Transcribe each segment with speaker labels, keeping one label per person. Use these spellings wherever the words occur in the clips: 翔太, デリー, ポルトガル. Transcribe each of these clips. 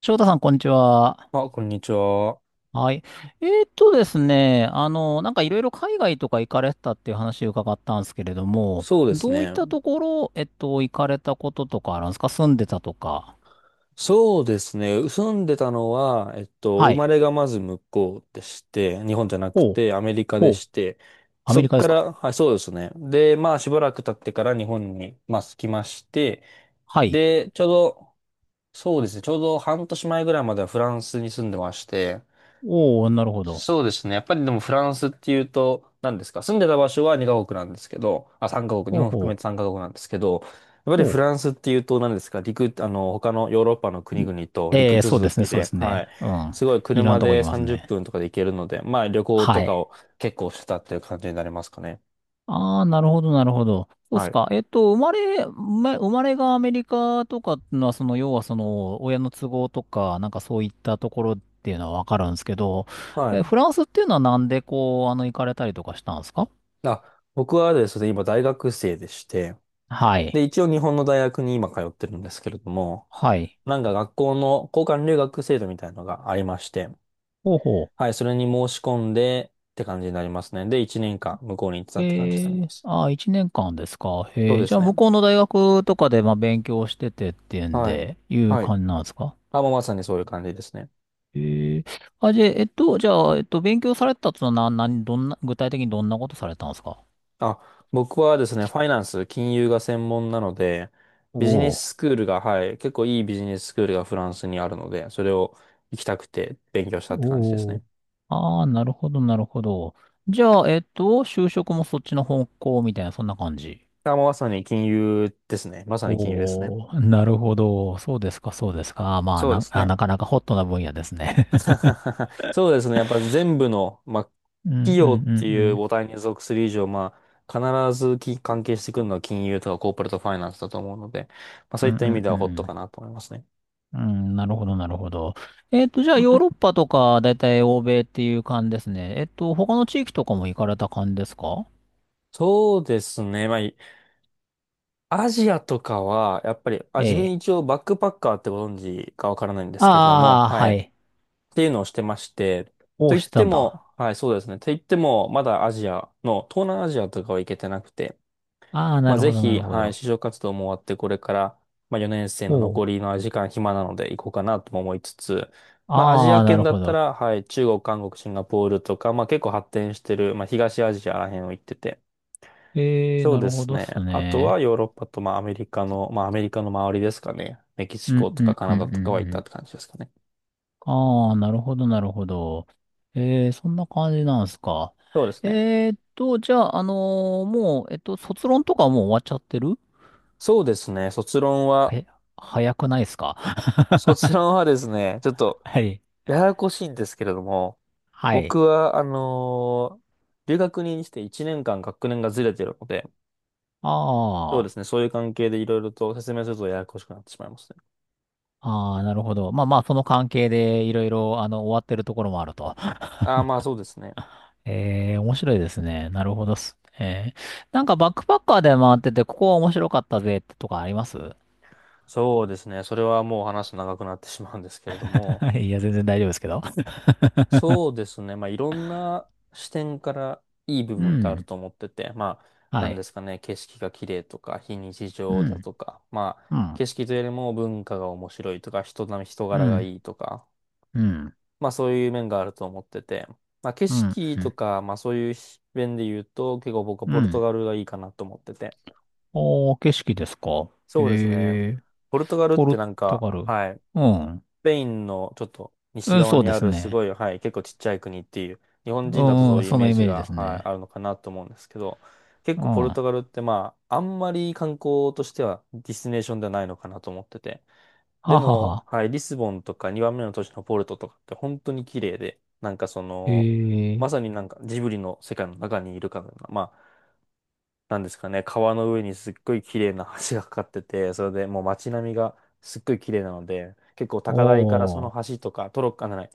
Speaker 1: 翔太さん、こんにちは。
Speaker 2: あ、こんにちは。
Speaker 1: はい。ですね、なんかいろいろ海外とか行かれてたっていう話を伺ったんですけれども、
Speaker 2: そうです
Speaker 1: どういっ
Speaker 2: ね。
Speaker 1: たところ、行かれたこととかあるんですか、住んでたとか。
Speaker 2: そうですね。住んでたのは、
Speaker 1: は
Speaker 2: 生ま
Speaker 1: い。
Speaker 2: れがまず向こうでして、日本じゃなく
Speaker 1: ほう、
Speaker 2: てアメリカ
Speaker 1: ほ
Speaker 2: で
Speaker 1: う。
Speaker 2: して、
Speaker 1: アメ
Speaker 2: そっ
Speaker 1: リカで
Speaker 2: か
Speaker 1: すか？
Speaker 2: ら、はい、そうですね。で、まあ、しばらく経ってから日本に、まあ、来まして、
Speaker 1: はい。
Speaker 2: で、ちょうど、そうですね。ちょうど半年前ぐらいまではフランスに住んでまして、
Speaker 1: おー、なるほど。
Speaker 2: そうですね。やっぱりでもフランスっていうと、何ですか、住んでた場所は2カ国なんですけど、あ、3カ国、日
Speaker 1: ほう
Speaker 2: 本含
Speaker 1: ほ
Speaker 2: め
Speaker 1: う。
Speaker 2: て3カ国なんですけど、やっぱり
Speaker 1: ほ
Speaker 2: フ
Speaker 1: う。
Speaker 2: ランスっていうと、何ですか、陸、他のヨーロッパの国々と陸
Speaker 1: そうで
Speaker 2: 続
Speaker 1: すね、
Speaker 2: き
Speaker 1: そうで
Speaker 2: で、
Speaker 1: す
Speaker 2: はい。
Speaker 1: ね。うん。
Speaker 2: すごい
Speaker 1: いろんな
Speaker 2: 車
Speaker 1: とこ
Speaker 2: で
Speaker 1: 行きます
Speaker 2: 30
Speaker 1: ね。
Speaker 2: 分とかで行けるので、まあ旅行と
Speaker 1: は
Speaker 2: か
Speaker 1: い。
Speaker 2: を結構してたっていう感じになりますかね。
Speaker 1: ああ、なるほど、なるほど。そうっ
Speaker 2: は
Speaker 1: す
Speaker 2: い。
Speaker 1: か。生まれがアメリカとかっていうのは、その、要はその、親の都合とか、なんかそういったところっていうのはわかるんですけど、
Speaker 2: は
Speaker 1: え、
Speaker 2: い。
Speaker 1: フランスっていうのはなんでこう、行かれたりとかしたんですか？
Speaker 2: あ、僕はですね、今大学生でして、
Speaker 1: はい。
Speaker 2: で、一応日本の大学に今通ってるんですけれども、
Speaker 1: はい。
Speaker 2: なんか学校の交換留学制度みたいなのがありまして、
Speaker 1: ほうほ
Speaker 2: はい、それに申し込んでって感じになりますね。で、1年間向こうに行ってた
Speaker 1: う。
Speaker 2: って感じになり
Speaker 1: え
Speaker 2: ま
Speaker 1: え、
Speaker 2: す。
Speaker 1: ああ、一年間ですか。
Speaker 2: そう
Speaker 1: ええ、
Speaker 2: で
Speaker 1: じ
Speaker 2: す
Speaker 1: ゃあ、
Speaker 2: ね。
Speaker 1: 向こうの大学とかで、まあ、勉強しててっていうん
Speaker 2: はい。
Speaker 1: で、いう
Speaker 2: はい。
Speaker 1: 感じなんですか？
Speaker 2: あ、もうまさにそういう感じですね。
Speaker 1: ええ、あ、じゃあ、勉強されてたと、何どんな、具体的にどんなことされたんですか？
Speaker 2: あ、僕はですね、ファイナンス、金融が専門なので、
Speaker 1: お
Speaker 2: ビジネ
Speaker 1: お、
Speaker 2: ススクールが、はい、結構いいビジネススクールがフランスにあるので、それを行きたくて勉強したって感じです
Speaker 1: お
Speaker 2: ね。
Speaker 1: お、ああー、なるほど、なるほど。じゃあ、就職もそっちの方向みたいな、そんな感じ。
Speaker 2: あ、もうまさに金融ですね。まさに金融ですね。
Speaker 1: おお、なるほど。そうですか、そうですか。まあ、
Speaker 2: そうですね。
Speaker 1: なかなかホットな分野ですね。
Speaker 2: そうですね。やっぱ全部の、まあ、
Speaker 1: うん、う
Speaker 2: 企
Speaker 1: ん、
Speaker 2: 業って
Speaker 1: う
Speaker 2: いう
Speaker 1: ん。
Speaker 2: 母体に属する以上、まあ、必ず関係してくるのは金融とかコーポレートファイナンスだと思うので、まあ、そ
Speaker 1: う
Speaker 2: ういっ
Speaker 1: ん、う
Speaker 2: た意味
Speaker 1: ん、
Speaker 2: で
Speaker 1: う
Speaker 2: は
Speaker 1: ん。
Speaker 2: ホッ
Speaker 1: う
Speaker 2: ト
Speaker 1: ん、
Speaker 2: かなと思いますね。
Speaker 1: うん、なるほど、なるほど。じゃあ、ヨーロッパとか、だいたい欧米っていう感じですね。他の地域とかも行かれた感じですか？
Speaker 2: そうですね。アジアとかは、やっぱり、あ、
Speaker 1: え
Speaker 2: 自分
Speaker 1: え。
Speaker 2: 一応バックパッカーってご存知かわからないんですけれども、
Speaker 1: ああ、
Speaker 2: はい。
Speaker 1: は
Speaker 2: っ
Speaker 1: い。
Speaker 2: ていうのをしてまして、
Speaker 1: お
Speaker 2: と
Speaker 1: ー、
Speaker 2: 言っ
Speaker 1: して
Speaker 2: て
Speaker 1: たんだ。
Speaker 2: も、はい、そうですね。と言っても、まだアジアの、東南アジアとかは行けてなくて、
Speaker 1: ああ、
Speaker 2: ま
Speaker 1: な
Speaker 2: あ、
Speaker 1: る
Speaker 2: ぜ
Speaker 1: ほど、な
Speaker 2: ひ、
Speaker 1: るほ
Speaker 2: はい、
Speaker 1: ど。
Speaker 2: 就職活動も終わって、これから、まあ、4年生の
Speaker 1: お
Speaker 2: 残
Speaker 1: う。
Speaker 2: りの時間暇なので行こうかなとも思いつつ、まあ、アジ
Speaker 1: あ
Speaker 2: ア
Speaker 1: あ、な
Speaker 2: 圏
Speaker 1: る
Speaker 2: だ
Speaker 1: ほ
Speaker 2: った
Speaker 1: ど。
Speaker 2: ら、はい、中国、韓国、シンガポールとか、まあ、結構発展してる、まあ、東アジアらへんを行ってて。
Speaker 1: ええ、
Speaker 2: そう
Speaker 1: な
Speaker 2: で
Speaker 1: るほ
Speaker 2: す
Speaker 1: どっ
Speaker 2: ね。
Speaker 1: す
Speaker 2: あとは
Speaker 1: ね。
Speaker 2: ヨーロッパと、まあ、アメリカの、まあ、アメリカの周りですかね。メキシ
Speaker 1: うん、
Speaker 2: コと
Speaker 1: う
Speaker 2: か
Speaker 1: ん、
Speaker 2: カ
Speaker 1: う
Speaker 2: ナ
Speaker 1: ん、
Speaker 2: ダ
Speaker 1: うん、
Speaker 2: とかは行っ
Speaker 1: う
Speaker 2: たっ
Speaker 1: ん。
Speaker 2: て感じですかね。
Speaker 1: ああ、なるほど、なるほど。ええ、そんな感じなんすか。
Speaker 2: そうですね。
Speaker 1: じゃあ、もう、卒論とかはもう終わっちゃってる？
Speaker 2: そうですね。卒論は、
Speaker 1: え、早くないっすか？
Speaker 2: 卒論はですね、ちょっと、
Speaker 1: はい。
Speaker 2: ややこしいんですけれども、
Speaker 1: は
Speaker 2: 僕
Speaker 1: い。
Speaker 2: は、留学にして1年間学年がずれてるので、そうで
Speaker 1: あ
Speaker 2: すね、そういう関係でいろいろと説明するとややこしくなってしまいますね。
Speaker 1: あ、ああ、なるほど。まあまあ、その関係でいろいろ、終わってるところもあると。
Speaker 2: ああ、まあそうですね。
Speaker 1: ええ、面白いですね。なるほどっす。ええ、なんかバックパッカーで回ってて、ここは面白かったぜってとかあります？
Speaker 2: そうですね、それはもう話すと長くなってしまうんですけれども、
Speaker 1: いや、全然大丈夫ですけど。
Speaker 2: そうですね、まあいろんな視点からいい部
Speaker 1: う
Speaker 2: 分ってある
Speaker 1: ん。
Speaker 2: と思ってて、まあ、
Speaker 1: は
Speaker 2: なんで
Speaker 1: い。
Speaker 2: すかね、景色が綺麗とか、非日
Speaker 1: う
Speaker 2: 常だ
Speaker 1: ん。
Speaker 2: とか、まあ、
Speaker 1: う
Speaker 2: 景
Speaker 1: ん。
Speaker 2: 色というよりも文化が面白いとか、人並み、人
Speaker 1: う
Speaker 2: 柄が
Speaker 1: ん。
Speaker 2: いいとか、
Speaker 1: うん。
Speaker 2: まあそういう面があると思ってて、まあ景
Speaker 1: うん。
Speaker 2: 色
Speaker 1: う
Speaker 2: と
Speaker 1: ん。
Speaker 2: か、まあそういう面で言うと、結構僕は
Speaker 1: う
Speaker 2: ポルト
Speaker 1: ん、
Speaker 2: ガルがいいかなと思ってて。
Speaker 1: おー、景色ですか。
Speaker 2: そうですね。
Speaker 1: ええ、
Speaker 2: ポルトガルっ
Speaker 1: ポル
Speaker 2: てなん
Speaker 1: ト
Speaker 2: か、
Speaker 1: ガル。
Speaker 2: はい、
Speaker 1: うん。
Speaker 2: スペインのちょっと
Speaker 1: う
Speaker 2: 西
Speaker 1: ん、
Speaker 2: 側
Speaker 1: そう
Speaker 2: に
Speaker 1: で
Speaker 2: あ
Speaker 1: す
Speaker 2: るす
Speaker 1: ね。
Speaker 2: ごい、はい、結構ちっちゃい国っていう、日
Speaker 1: う
Speaker 2: 本人だと
Speaker 1: ん、
Speaker 2: そ
Speaker 1: う
Speaker 2: う
Speaker 1: ん、
Speaker 2: いうイ
Speaker 1: そ
Speaker 2: メ
Speaker 1: の
Speaker 2: ー
Speaker 1: イ
Speaker 2: ジ
Speaker 1: メージで
Speaker 2: が、
Speaker 1: す
Speaker 2: はい、あ
Speaker 1: ね。
Speaker 2: るのかなと思うんですけど、結
Speaker 1: うん。
Speaker 2: 構ポルト
Speaker 1: は
Speaker 2: ガルってまあ、あんまり観光としてはディスティネーションではないのかなと思ってて。で
Speaker 1: は
Speaker 2: も、
Speaker 1: は
Speaker 2: はい、リスボンとか2番目の都市のポルトとかって本当に綺麗で、なんかそ
Speaker 1: え、
Speaker 2: の、
Speaker 1: え、
Speaker 2: まさになんかジブリの世界の中にいるかのような、まあ、なんですかね、川の上にすっごい綺麗な橋がかかってて、それでもう街並みがすっごい綺麗なので、結構
Speaker 1: お
Speaker 2: 高台からその
Speaker 1: ー、
Speaker 2: 橋とか、トロッコ、あ、ない、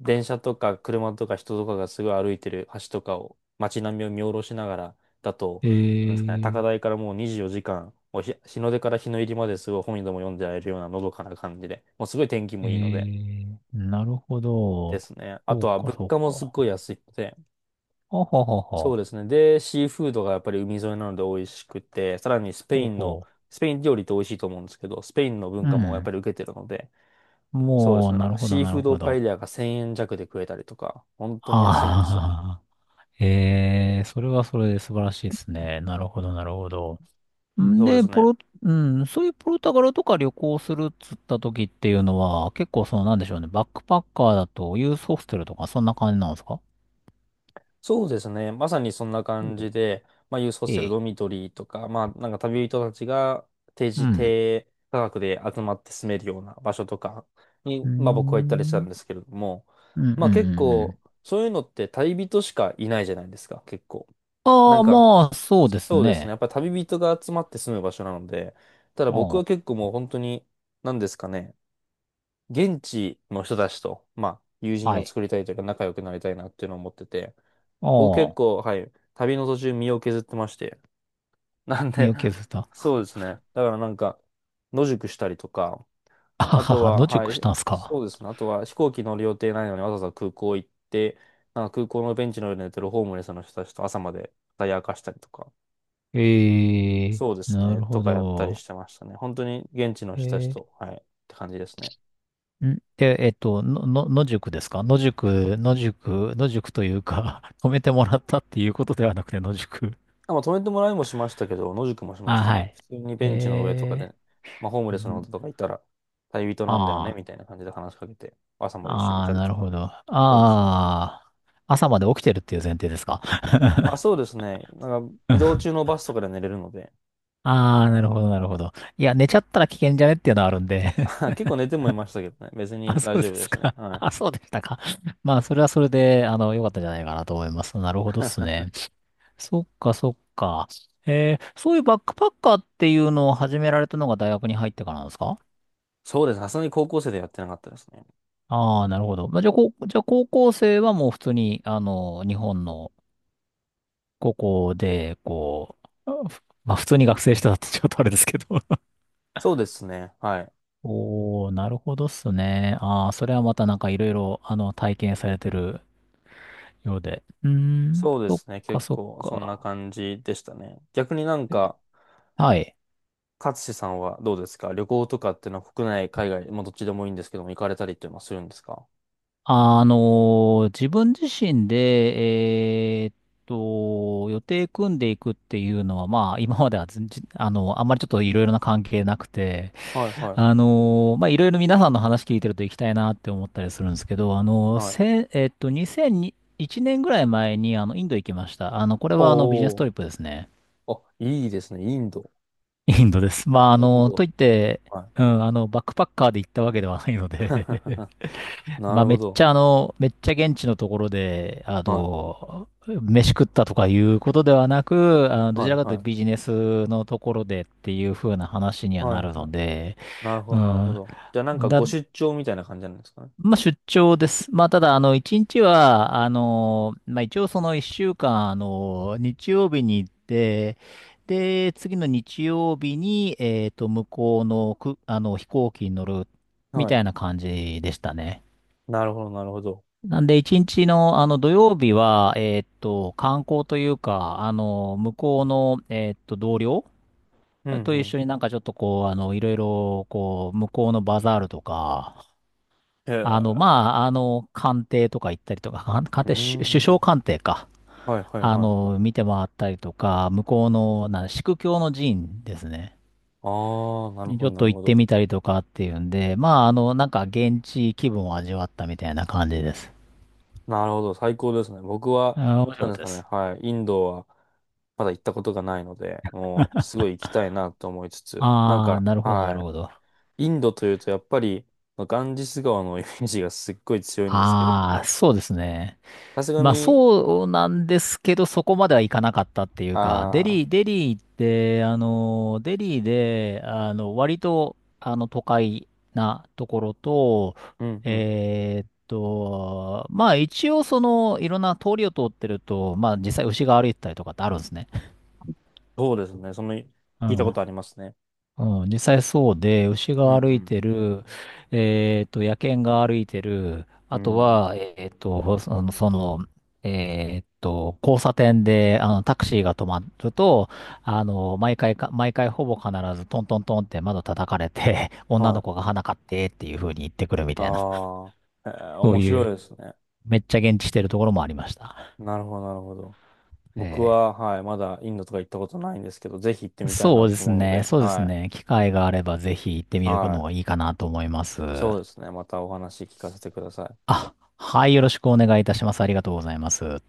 Speaker 2: 電車とか車とか人とかがすごい歩いてる橋とかを街並みを見下ろしながらだと、
Speaker 1: え
Speaker 2: なんですかね、高
Speaker 1: え、
Speaker 2: 台からもう24時間、もう日、日の出から日の入りまですごい本にでも読んでられるようなのどかな感じで、もうすごい天気
Speaker 1: え
Speaker 2: もいいので
Speaker 1: え、なるほ
Speaker 2: で
Speaker 1: ど。
Speaker 2: すね。あ
Speaker 1: そ
Speaker 2: と
Speaker 1: う
Speaker 2: は
Speaker 1: か、
Speaker 2: 物
Speaker 1: そ
Speaker 2: 価
Speaker 1: う
Speaker 2: もすっ
Speaker 1: か。
Speaker 2: ごい安いので、
Speaker 1: ほほほ
Speaker 2: そう
Speaker 1: ほ。
Speaker 2: ですね。で、シーフードがやっぱり海沿いなので美味しくて、さらにスペ
Speaker 1: ほ
Speaker 2: インの、
Speaker 1: ほ。
Speaker 2: スペイン料理って美味しいと思うんですけど、スペインの文
Speaker 1: う
Speaker 2: 化もやっ
Speaker 1: ん。
Speaker 2: ぱり受けてるので、そうで
Speaker 1: も
Speaker 2: す
Speaker 1: う、
Speaker 2: ね。なん
Speaker 1: なる
Speaker 2: か
Speaker 1: ほど、
Speaker 2: シー
Speaker 1: な
Speaker 2: フ
Speaker 1: る
Speaker 2: ード
Speaker 1: ほ
Speaker 2: パエ
Speaker 1: ど。
Speaker 2: リアが1000円弱で食えたりとか、本当に安いんですよ。
Speaker 1: ああ、ええ、それはそれで素晴らしいですね。なるほど、なるほど。ん
Speaker 2: そうで
Speaker 1: で、
Speaker 2: すね。
Speaker 1: うん、そういうポルトガルとか旅行するっつった時っていうのは、結構その、なんでしょうね、バックパッカーだとユースホステルとかそんな感じなんですか？
Speaker 2: そうですね。まさにそんな
Speaker 1: お
Speaker 2: 感
Speaker 1: う、
Speaker 2: じで、まあ、ユースホ
Speaker 1: え
Speaker 2: ステル、
Speaker 1: え。
Speaker 2: ドミトリーとか、まあ、なんか旅人たちが定
Speaker 1: う
Speaker 2: 時
Speaker 1: ん。
Speaker 2: 低価格で集まって住めるような場所とか
Speaker 1: うー
Speaker 2: に、まあ、僕は行ったりした
Speaker 1: ん、
Speaker 2: んですけれども、
Speaker 1: うん、うん、う
Speaker 2: まあ、結
Speaker 1: ん、う
Speaker 2: 構、
Speaker 1: ん。
Speaker 2: そういうのって旅人しかいないじゃないですか、結構。な
Speaker 1: あ
Speaker 2: ん
Speaker 1: あ、
Speaker 2: か、
Speaker 1: まあ、そうです
Speaker 2: そうですね。
Speaker 1: ね。
Speaker 2: やっぱり旅人が集まって住む場所なので、ただ僕
Speaker 1: あ
Speaker 2: は結構もう本当に、なんですかね、現地の人たちと、まあ、友
Speaker 1: あ、
Speaker 2: 人
Speaker 1: は
Speaker 2: を
Speaker 1: い。
Speaker 2: 作りたいというか仲良くなりたいなっていうのを思ってて、僕結
Speaker 1: ああ、
Speaker 2: 構、はい、旅の途中身を削ってまして。なん
Speaker 1: 身
Speaker 2: で、
Speaker 1: を 削った。
Speaker 2: そうですね。だからなんか、野宿したりとか、
Speaker 1: あ
Speaker 2: あ
Speaker 1: は
Speaker 2: と
Speaker 1: は、
Speaker 2: は、
Speaker 1: 野
Speaker 2: は
Speaker 1: 宿し
Speaker 2: い、
Speaker 1: たんすか？
Speaker 2: そうですね。あとは飛行機乗る予定ないのにわざわざ空港行って、なんか空港のベンチの上で寝てるホームレスの人たちと朝まで語り明かしたりとか、
Speaker 1: ええ、
Speaker 2: そうです
Speaker 1: な
Speaker 2: ね。
Speaker 1: る
Speaker 2: と
Speaker 1: ほ
Speaker 2: かやったりし
Speaker 1: ど。
Speaker 2: てましたね。本当に現地の人たちと、
Speaker 1: え
Speaker 2: はい、って感じですね。
Speaker 1: え、んで、野宿ですか？野宿、野宿、野宿というか、止めてもらったっていうことではなくて、野宿。
Speaker 2: あ、まあ、止めてもらいもしましたけど、野宿もしまし
Speaker 1: あ、
Speaker 2: た
Speaker 1: は
Speaker 2: ね。
Speaker 1: い。
Speaker 2: 普通にベンチの上とか
Speaker 1: え
Speaker 2: で、まあ、ホーム
Speaker 1: え、
Speaker 2: レスの方
Speaker 1: ん、
Speaker 2: とかいたら、旅人なんだよね、
Speaker 1: ああ、
Speaker 2: みたいな感じで話しかけて、朝まで一緒にい
Speaker 1: あ
Speaker 2: た
Speaker 1: あ、
Speaker 2: り
Speaker 1: な
Speaker 2: と
Speaker 1: る
Speaker 2: か。
Speaker 1: ほど。あ
Speaker 2: そうですね。
Speaker 1: あ、朝まで起きてるっていう前提ですか。
Speaker 2: あ、そうですね。なんか、移動中 のバスとかで寝れるので、
Speaker 1: ああ、なるほど、なるほど。いや、寝ちゃったら危険じゃねっていうのはあるんで。
Speaker 2: 結構寝てもいましたけどね。別に
Speaker 1: あ、そ
Speaker 2: 大
Speaker 1: うで
Speaker 2: 丈夫で
Speaker 1: す
Speaker 2: したね。
Speaker 1: か。
Speaker 2: は
Speaker 1: あ、
Speaker 2: い。
Speaker 1: そうでしたか。まあ、それはそれで、良かったんじゃないかなと思います。なるほどっすね。そっか、そっか。そういうバックパッカーっていうのを始められたのが大学に入ってからなんですか？
Speaker 2: そうです。さすがに高校生でやってなかったですね。
Speaker 1: ああー、なるほど。まあ、じゃあ、こう、じゃあ高校生はもう普通に、日本の高校で、こう、まあ、普通に学生してたってちょっとあれですけど。
Speaker 2: そうですね。はい。
Speaker 1: おー、なるほどっすね。ああ、それはまたなんかいろいろ、体験されてるようで。うーん、
Speaker 2: そうで
Speaker 1: そっ
Speaker 2: すね。
Speaker 1: か、
Speaker 2: 結
Speaker 1: そっ
Speaker 2: 構、そんな
Speaker 1: か。
Speaker 2: 感じでしたね。逆になんか、
Speaker 1: はい。
Speaker 2: 勝志さんはどうですか、旅行とかっていうのは国内、海外、まあどっちでもいいんですけども、行かれたりっていうのはするんですか？
Speaker 1: 自分自身で、予定組んでいくっていうのは、まあ、今まではずんじ、あの、あんまりちょっといろいろな関係なくて、
Speaker 2: はいはい。
Speaker 1: まあ、いろいろ皆さんの話聞いてると行きたいなって思ったりするんですけど、あのー
Speaker 2: はい。
Speaker 1: せ、えっと、2001年ぐらい前に、インド行きました。これはビジネス
Speaker 2: おー。
Speaker 1: トリップですね。
Speaker 2: あ、いいですね。インド。
Speaker 1: インドです。まあ、
Speaker 2: イン
Speaker 1: と
Speaker 2: ド。
Speaker 1: いって、
Speaker 2: は
Speaker 1: うん、バックパッカーで行ったわけではないの
Speaker 2: い。
Speaker 1: で、
Speaker 2: な
Speaker 1: まあ、
Speaker 2: る
Speaker 1: め
Speaker 2: ほ
Speaker 1: っち
Speaker 2: ど。
Speaker 1: ゃめっちゃ現地のところで、
Speaker 2: はい。
Speaker 1: 飯食ったとかいうことではなく、どち
Speaker 2: はい
Speaker 1: らか
Speaker 2: は
Speaker 1: というとビ
Speaker 2: い。
Speaker 1: ジネスのところでっていう風な話には
Speaker 2: はい
Speaker 1: なる
Speaker 2: は
Speaker 1: の
Speaker 2: い。
Speaker 1: で、
Speaker 2: なるほ
Speaker 1: う
Speaker 2: ど、なるほ
Speaker 1: ん、
Speaker 2: ど。じゃあなんか
Speaker 1: だ、
Speaker 2: ご出張みたいな感じなんですかね。
Speaker 1: まあ、出張です。まあ、ただ、一日は、まあ、一応その一週間、日曜日に行って、で、次の日曜日に、向こうの、く、あの、飛行機に乗る、み
Speaker 2: は
Speaker 1: た
Speaker 2: い。
Speaker 1: いな感じでしたね。
Speaker 2: なるほど、なるほど。
Speaker 1: なんで、一日の、土曜日は、観光というか、向こうの、同僚
Speaker 2: うん
Speaker 1: と
Speaker 2: う
Speaker 1: 一
Speaker 2: ん。
Speaker 1: 緒になんかちょっとこう、いろいろ、こう、向こうのバザールとか、
Speaker 2: へえ。
Speaker 1: まあ、官邸とか行ったりとか、官邸、
Speaker 2: う
Speaker 1: 首首
Speaker 2: ん。
Speaker 1: 相官邸か。
Speaker 2: はいはいはいはい。
Speaker 1: 見て回ったりとか、向こうの、宿教の寺院ですね。
Speaker 2: ああ、なる
Speaker 1: にち
Speaker 2: ほ
Speaker 1: ょっ
Speaker 2: ど、な
Speaker 1: と
Speaker 2: る
Speaker 1: 行っ
Speaker 2: ほ
Speaker 1: て
Speaker 2: ど。
Speaker 1: みたりとかっていうんで、まあ、なんか現地気分を味わったみたいな感じです。
Speaker 2: なるほど。最高ですね。僕は、
Speaker 1: あー、面白
Speaker 2: なん
Speaker 1: かっ
Speaker 2: です
Speaker 1: たで
Speaker 2: かね。
Speaker 1: す。
Speaker 2: はい。インドは、まだ行ったことがないので、もう、すごい行きたいなと思いつつ、なん
Speaker 1: ああ、
Speaker 2: か、
Speaker 1: なるほど、なる
Speaker 2: は
Speaker 1: ほど。
Speaker 2: い。インドというと、やっぱり、ガンジス川のイメージがすっごい強いんですけれど
Speaker 1: ああ、
Speaker 2: も、
Speaker 1: そうですね。
Speaker 2: さすが
Speaker 1: まあ
Speaker 2: に、
Speaker 1: そうなんですけど、そこまではいかなかったっていうか、デ
Speaker 2: ああ、
Speaker 1: リー、デリーって、デリーで、割と、都会なところと、
Speaker 2: うんうん。
Speaker 1: まあ一応その、いろんな通りを通ってると、まあ実際牛が歩いてたりとかってあるんですね。
Speaker 2: そうですね。その、聞
Speaker 1: う
Speaker 2: いたこと
Speaker 1: ん、
Speaker 2: ありますね。
Speaker 1: うん、実際そうで、牛
Speaker 2: うん
Speaker 1: が歩
Speaker 2: う
Speaker 1: い
Speaker 2: ん。
Speaker 1: てる、野犬が歩いてる、
Speaker 2: う
Speaker 1: あと
Speaker 2: ん。
Speaker 1: は、交差点で、タクシーが止まると、毎回ほぼ必ずトントントンって窓叩かれて、女
Speaker 2: は
Speaker 1: の
Speaker 2: い。
Speaker 1: 子が花買ってっていう風に言ってくるみたいな、
Speaker 2: ああ、えー
Speaker 1: そう
Speaker 2: 面
Speaker 1: い
Speaker 2: 白い
Speaker 1: う、
Speaker 2: ですね。
Speaker 1: めっちゃ現地してるところもありました。
Speaker 2: なるほど、なるほど。
Speaker 1: え
Speaker 2: 僕
Speaker 1: ー
Speaker 2: は、はい、まだインドとか行ったことないんですけど、ぜひ行ってみたい
Speaker 1: そ
Speaker 2: な
Speaker 1: うで
Speaker 2: と
Speaker 1: す
Speaker 2: 思うの
Speaker 1: ね、
Speaker 2: で、
Speaker 1: そうです
Speaker 2: はい。
Speaker 1: ね、機会があればぜひ行ってみる
Speaker 2: は
Speaker 1: の
Speaker 2: い。
Speaker 1: がいいかなと思います。
Speaker 2: そうですね。またお話聞かせてください。
Speaker 1: あ、はい、よろしくお願いいたします。ありがとうございます。